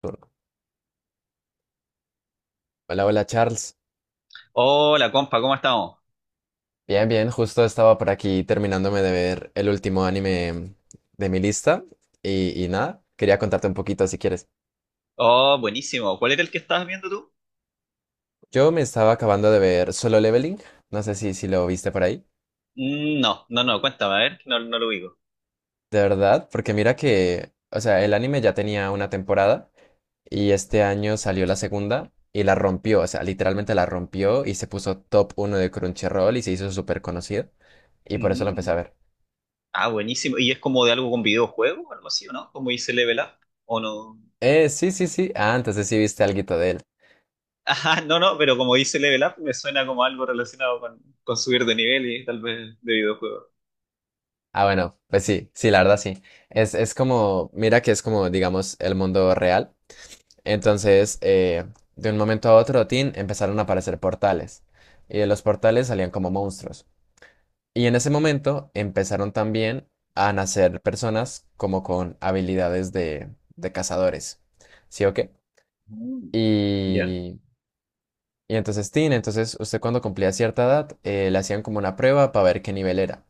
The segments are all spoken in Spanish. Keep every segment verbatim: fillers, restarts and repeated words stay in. Turno. Hola, hola Charles. Hola, compa, ¿cómo estamos? Bien, bien, justo estaba por aquí terminándome de ver el último anime de mi lista y, y nada, quería contarte un poquito si quieres. Oh, buenísimo. ¿Cuál era el que estabas viendo tú? Yo me estaba acabando de ver Solo Leveling, no sé si, si lo viste por ahí, Mm, no, no, no, cuéntame, a ver, lo digo? de verdad, porque mira que, o sea, el anime ya tenía una temporada y este año salió la segunda y la rompió, o sea, literalmente la rompió y se puso top uno de Crunchyroll y se hizo súper conocido y por eso lo empecé a Mm, ver. Ah, buenísimo. ¿Y es como de algo con videojuego o algo así, o no? Como dice Level Up, ¿o no? Eh, sí, sí, sí, ah, entonces sí viste alguito de él. Ajá, no, no, pero como dice Level Up me suena como algo relacionado con, con subir de nivel y tal vez de videojuego. Ah, bueno, pues sí, sí, la verdad sí. Es, es como, mira que es como, digamos, el mundo real. Entonces, eh, de un momento a otro, tin, empezaron a aparecer portales. Y de los portales salían como monstruos. Y en ese momento empezaron también a nacer personas como con habilidades de, de cazadores. ¿Sí o qué? Mm, ya. Y y entonces, Tin, entonces usted cuando cumplía cierta edad, eh, le hacían como una prueba para ver qué nivel era.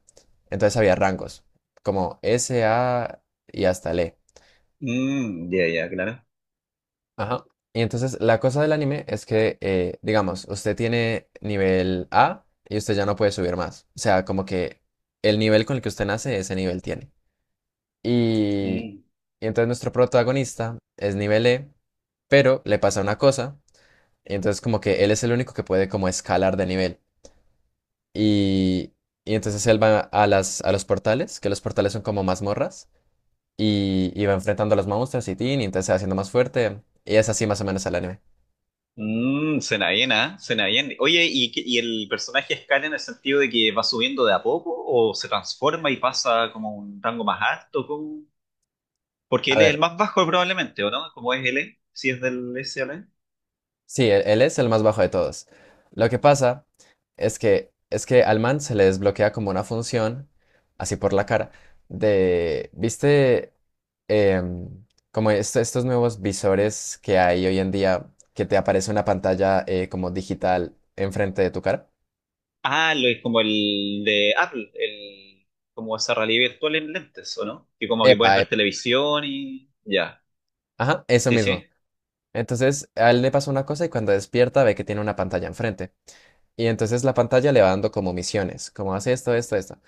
Entonces había rangos, como ese, A y hasta ele e. Mm, ya, ya, claro. Ajá. Y entonces la cosa del anime es que, eh, digamos, usted tiene nivel A y usted ya no puede subir más. O sea, como que el nivel con el que usted nace, ese nivel tiene. Y, Mm. y entonces nuestro protagonista es nivel E, pero le pasa una cosa. Y entonces como que él es el único que puede como escalar de nivel. Y, y entonces él va a las, a los portales, que los portales son como mazmorras, y, y va enfrentando a los monstruos y tin, y entonces se va haciendo más fuerte, y es así más o menos el anime. Mm, suena bien, ¿ah? Suena bien. Oye, ¿y, qué- y el personaje escala en el sentido de que va subiendo de a poco o se transforma y pasa como a un rango más alto? ¿Cómo? Porque A él es el ver, más bajo probablemente, ¿o no? ¿Cómo es él? Si es del S A S L. sí, él, él es el más bajo de todos. Lo que pasa es que, es que al man se le desbloquea como una función, así por la cara, de, ¿viste? Em, como est- estos nuevos visores que hay hoy en día, que te aparece una pantalla eh, como digital enfrente de tu cara. Ah, lo es como el de Apple, el, como esa realidad virtual en lentes, ¿o no? Que como que puedes Epa, ver televisión y ya. ajá, eso Sí, sí. mismo. Entonces, a él le pasa una cosa y cuando despierta ve que tiene una pantalla enfrente. Y entonces la pantalla le va dando como misiones, como hace esto, esto, esto.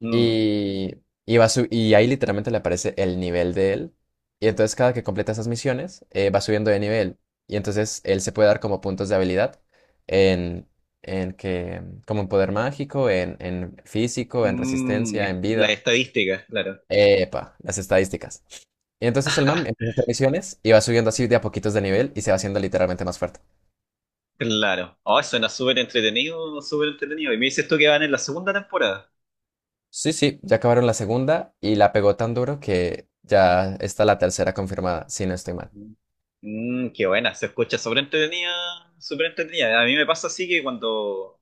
Mm, Y, y, va su- y ahí literalmente le aparece el nivel de él. Y entonces cada que completa esas misiones, eh, va subiendo de nivel. Y entonces él se puede dar como puntos de habilidad en, en que, como en poder mágico, en, en físico, en mm, resistencia, en las vida. estadísticas, claro. Epa, las estadísticas. Y entonces el man empieza a hacer misiones y va subiendo así de a poquitos de nivel y se va haciendo literalmente más fuerte. Claro. Oh, suena súper entretenido, súper entretenido. Y me dices tú que van en la segunda temporada. Sí, sí, ya acabaron la segunda y la pegó tan duro que ya está la tercera confirmada, si no estoy mal. Mm, qué buena, se escucha súper entretenida, súper entretenida. A mí me pasa así que cuando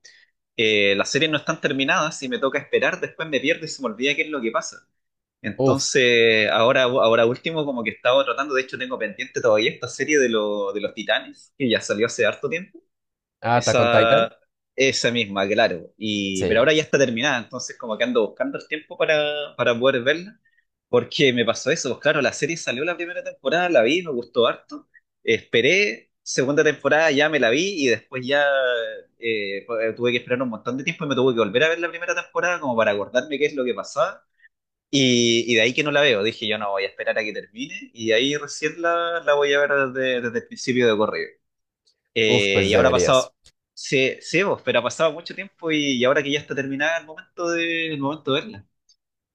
eh, las series no están terminadas y me toca esperar, después me pierdo y se me olvida qué es lo que pasa. Uf, Entonces, ahora, ahora último, como que estaba tratando, de hecho tengo pendiente todavía esta serie de, lo- de los Titanes, que ya salió hace harto tiempo. ah, Attack on Titan. Esa, esa misma, claro. Y, pero Sí, ahora ya está terminada, entonces como que ando buscando el tiempo para, para poder verla, porque me pasó eso, pues claro, la serie salió la primera temporada, la vi, me gustó harto, esperé, segunda temporada ya me la vi y después ya eh, pues, tuve que esperar un montón de tiempo y me tuve que volver a ver la primera temporada como para acordarme qué es lo que pasaba. Y, y de ahí que no la veo, dije yo no voy a esperar a que termine y ahí recién la, la voy a ver desde, desde el principio de correo uf, eh, pues y ahora ha deberías. pasado, sí, sí, vos, pero ha pasado mucho tiempo y, y ahora que ya está terminada el momento de, el momento de verla.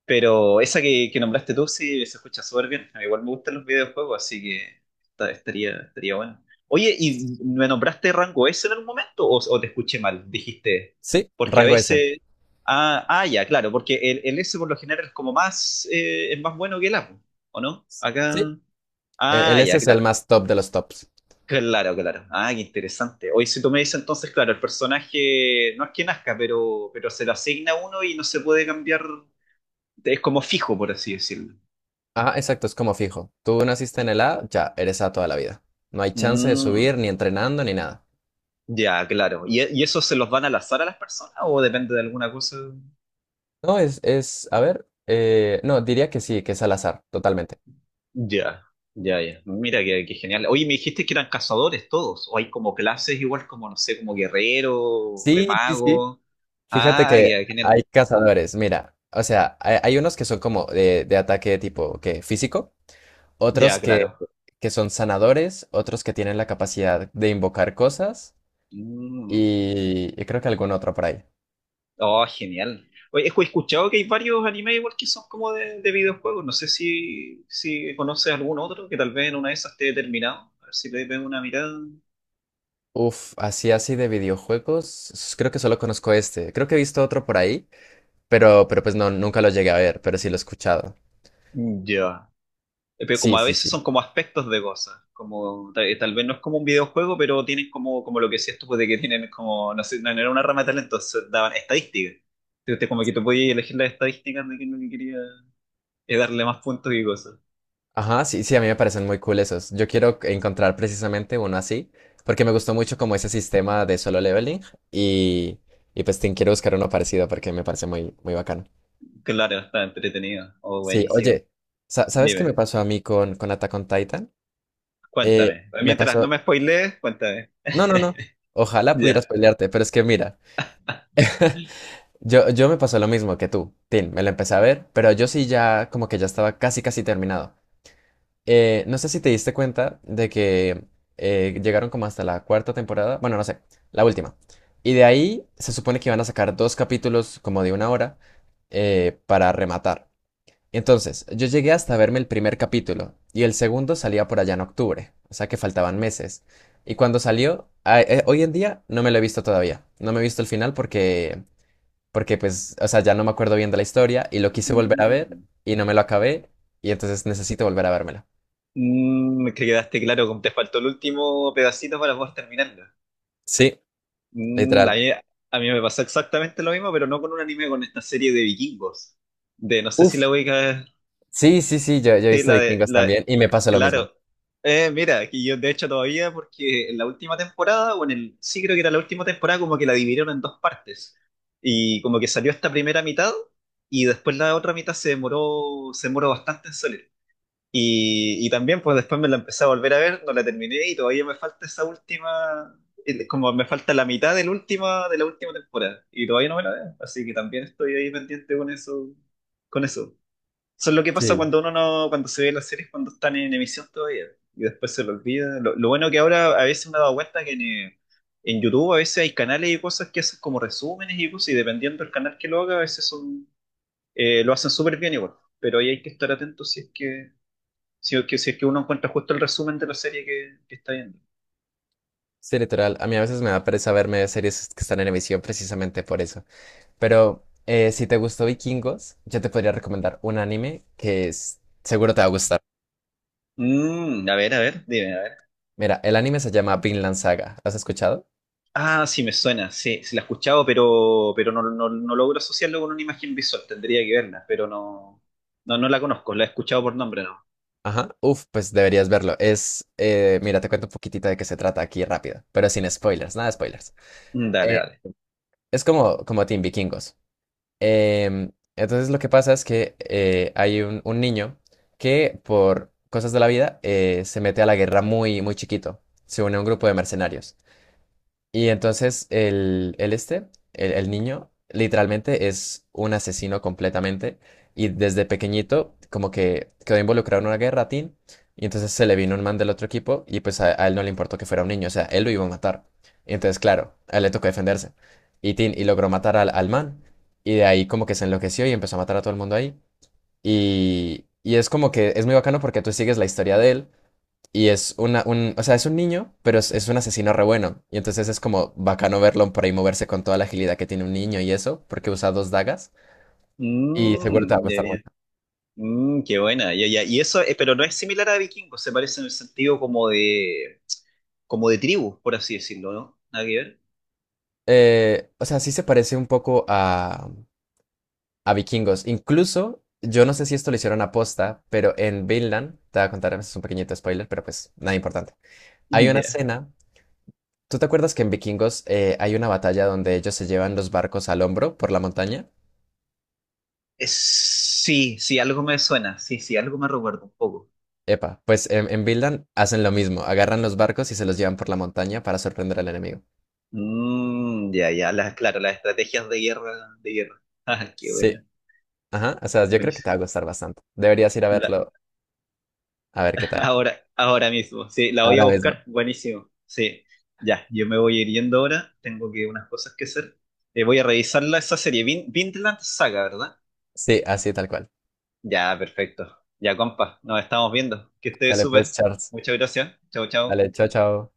Pero esa que, que nombraste tú sí se escucha súper bien. A mí igual me gustan los videojuegos, así que esta- estaría, estaría bueno. Oye, ¿y me nombraste rango S en algún momento o, o te escuché mal? Dijiste, Sí, porque a rango ese. veces... Ah, ah, ya, claro, porque el, el S por lo general es como más, eh, es más bueno que el A, ¿o no? Sí, Acá... e- el Ah, S ya, es el claro. más top de los tops. Claro, claro. Ah, qué interesante. Hoy si tú me dices entonces, claro, el personaje no es que nazca, pero, pero se lo asigna uno y no se puede cambiar, es como fijo, por así decirlo. Ah, exacto, es como fijo. Tú naciste en el A, ya eres A toda la vida. No hay chance de subir Mm, ni entrenando ni nada. ya, claro. ¿Y, e- y eso se los van al azar a las personas o depende de alguna cosa? No, es, es, a ver, eh, no, diría que sí, que es al azar, totalmente. Ya, ya, ya. Mira, qué, qué genial. Oye, me dijiste que eran cazadores todos, o hay como clases igual como, no sé, como guerrero, eh, Sí, sí, sí. mago. Fíjate Ah, que ya, genial. hay cazadores, mira, o sea, hay, hay unos que son como de, de ataque tipo que físico, otros Ya, que, claro. que son sanadores, otros que tienen la capacidad de invocar cosas Mm. y, y creo que algún otro por ahí. Oh, genial. Oye, he escuchado que hay varios animes igual que son como de, de videojuegos. No sé si, si conoces algún otro que tal vez en una de esas esté terminado. A ver si le pego una mirada. Uf, así así de videojuegos, s- creo que solo conozco este. Creo que he visto otro por ahí, pero, pero pues no, nunca lo llegué a ver, pero sí lo he escuchado. Mm, ya. Eh, pero como Sí, a sí, veces sí. son como aspectos de cosas. Como tal, tal vez no es como un videojuego, pero tienen como, como lo que decías tú, pues de que tienen como, no sé, no no era una rama de talento, entonces daban estadísticas. Entonces, como que tú podías elegir las estadísticas de quién lo que no quería eh, darle más puntos y cosas. Ajá, sí, sí, a mí me parecen muy cool esos. Yo quiero encontrar precisamente uno así, porque me gustó mucho como ese sistema de Solo Leveling y, y pues te quiero buscar uno parecido porque me parece muy, muy bacano. Claro, está entretenido. Oh, Sí, buenísimo. oye, sa- ¿sabes qué me Dime. pasó a mí con, con Attack on Titan? Eh, Cuéntame. me Mientras no pasó... me spoilees, cuéntame. No, no, no. Ojalá pudieras Ya. pelearte, pero es que mira, yo, yo me pasó lo mismo que tú, Tin, me lo empecé a ver, pero yo sí ya como que ya estaba casi, casi terminado. Eh, no sé si te diste cuenta de que eh, llegaron como hasta la cuarta temporada, bueno, no sé, la última. Y de ahí se supone que iban a sacar dos capítulos como de una hora eh, para rematar. Entonces, yo llegué hasta verme el primer capítulo y el segundo salía por allá en octubre, o sea que faltaban meses. Y cuando salió, a- eh, hoy en día no me lo he visto todavía, no me he visto el final porque, porque pues, o sea, ya no me acuerdo bien de la historia y lo quise volver a ver Mm. y no me lo acabé y entonces necesito volver a vérmelo. Mm, que quedaste claro, como te faltó el último pedacito para poder terminarlo. Sí, Mm, a literal. mí, a mí me pasó exactamente lo mismo, pero no con un anime, con esta serie de vikingos. De, no sé si Uf, la ubica sí, sí, sí, yo, yo he sí, visto la de, Vikingos la, también y me pasa lo mismo. claro. Eh, mira, que yo de hecho todavía, porque en la última temporada, o en el, sí creo que era la última temporada, como que la dividieron en dos partes. Y como que salió esta primera mitad, y después la otra mitad se demoró, se demoró bastante en salir. Y, y también, pues después me la empecé a volver a ver, no la terminé, y todavía me falta esa última, el- como me falta la mitad del última, de la última temporada. Y todavía no me la veo, así que también estoy ahí pendiente con eso, con eso. Eso es lo que pasa Sí, cuando uno no, cuando se ve las series cuando están en emisión todavía y después se lo olvida. Lo, lo bueno que ahora a veces me he dado cuenta que en, eh, en YouTube a veces hay canales y cosas que hacen como resúmenes y cosas y dependiendo del canal que lo haga a veces son, eh, lo hacen súper bien igual. Pero ahí hay que estar atento si es que, si, es que, si es que uno encuentra justo el resumen de la serie que, que está viendo. sí, literal. A mí a veces me da pereza verme series que están en emisión precisamente por eso. Pero eh, si te gustó Vikingos, yo te podría recomendar un anime que es- seguro te va a gustar. Mm, a ver, a ver, dime, Mira, el anime se llama Vinland Saga. ¿Lo has escuchado? ah, sí, me suena, sí, sí la he escuchado, pero, pero no, no, no logro asociarlo con una imagen visual, tendría que verla, pero no, no, no la conozco, la he escuchado por nombre, no. Ajá. Uf, pues deberías verlo. Es, eh, mira, te cuento un poquitito de qué se trata aquí rápido, pero sin spoilers, nada de spoilers. Mm, dale, Eh, dale. es como, como Team Vikingos. Em, entonces lo que pasa es que eh, hay un, un niño que por cosas de la vida eh, se mete a la guerra muy, muy chiquito. Se une a un grupo de mercenarios. Y entonces el, el este, el, el niño, literalmente es un asesino completamente. Y desde pequeñito, como que quedó involucrado en una guerra tin. Y entonces se le vino un man del otro equipo. Y pues a, a él no le importó que fuera un niño. O sea, él lo iba a matar. Y entonces, claro, a él le tocó defenderse. Y, tin y logró matar al, al man. Y de ahí, como que se enloqueció y empezó a matar a todo el mundo ahí. Y, y es como que es muy bacano porque tú sigues la historia de él. Y es una, un, o sea, es un niño, pero es, es un asesino re bueno. Y entonces es como bacano verlo por ahí moverse con toda la agilidad que tiene un niño y eso, porque usa dos dagas. Y seguro te va a Mm, ya, gustar ya. mucho. Mm, qué buena, ya, ya. Y eso, eh, pero no es similar a Vikingos, se parece en el sentido como de, como de tribu, por así decirlo, ¿no? Nada que ver. Eh, o sea, sí se parece un poco a, a Vikingos. Incluso, yo no sé si esto lo hicieron aposta, pero en Vinland, te voy a contar, es un pequeñito spoiler, pero pues nada importante. Hay Mm, una ya. escena. ¿Tú te acuerdas que en Vikingos eh, hay una batalla donde ellos se llevan los barcos al hombro por la montaña? Es- sí, sí, algo me suena, sí, sí, algo me recuerda un poco. Epa, pues en, en Vinland hacen lo mismo, agarran los barcos y se los llevan por la montaña para sorprender al enemigo. Mm, ya, ya, las, claro, las estrategias de guerra, de guerra. Ah, qué Sí, buena, ajá, o sea, yo creo que te buenísimo. va a gustar bastante. Deberías ir a verlo, a ver qué tal. Ahora, ahora mismo, sí, la voy a Ahora mismo. buscar, buenísimo, sí, ya, yo me voy a ir yendo ahora, tengo que unas cosas que hacer, eh, voy a revisarla esa serie, Vin Vinland Saga, ¿verdad? Sí, así tal cual. Ya, perfecto, ya compa, nos estamos viendo, que esté Dale pues, súper, Charles. muchas gracias, chao, chao. Dale, chao, chao.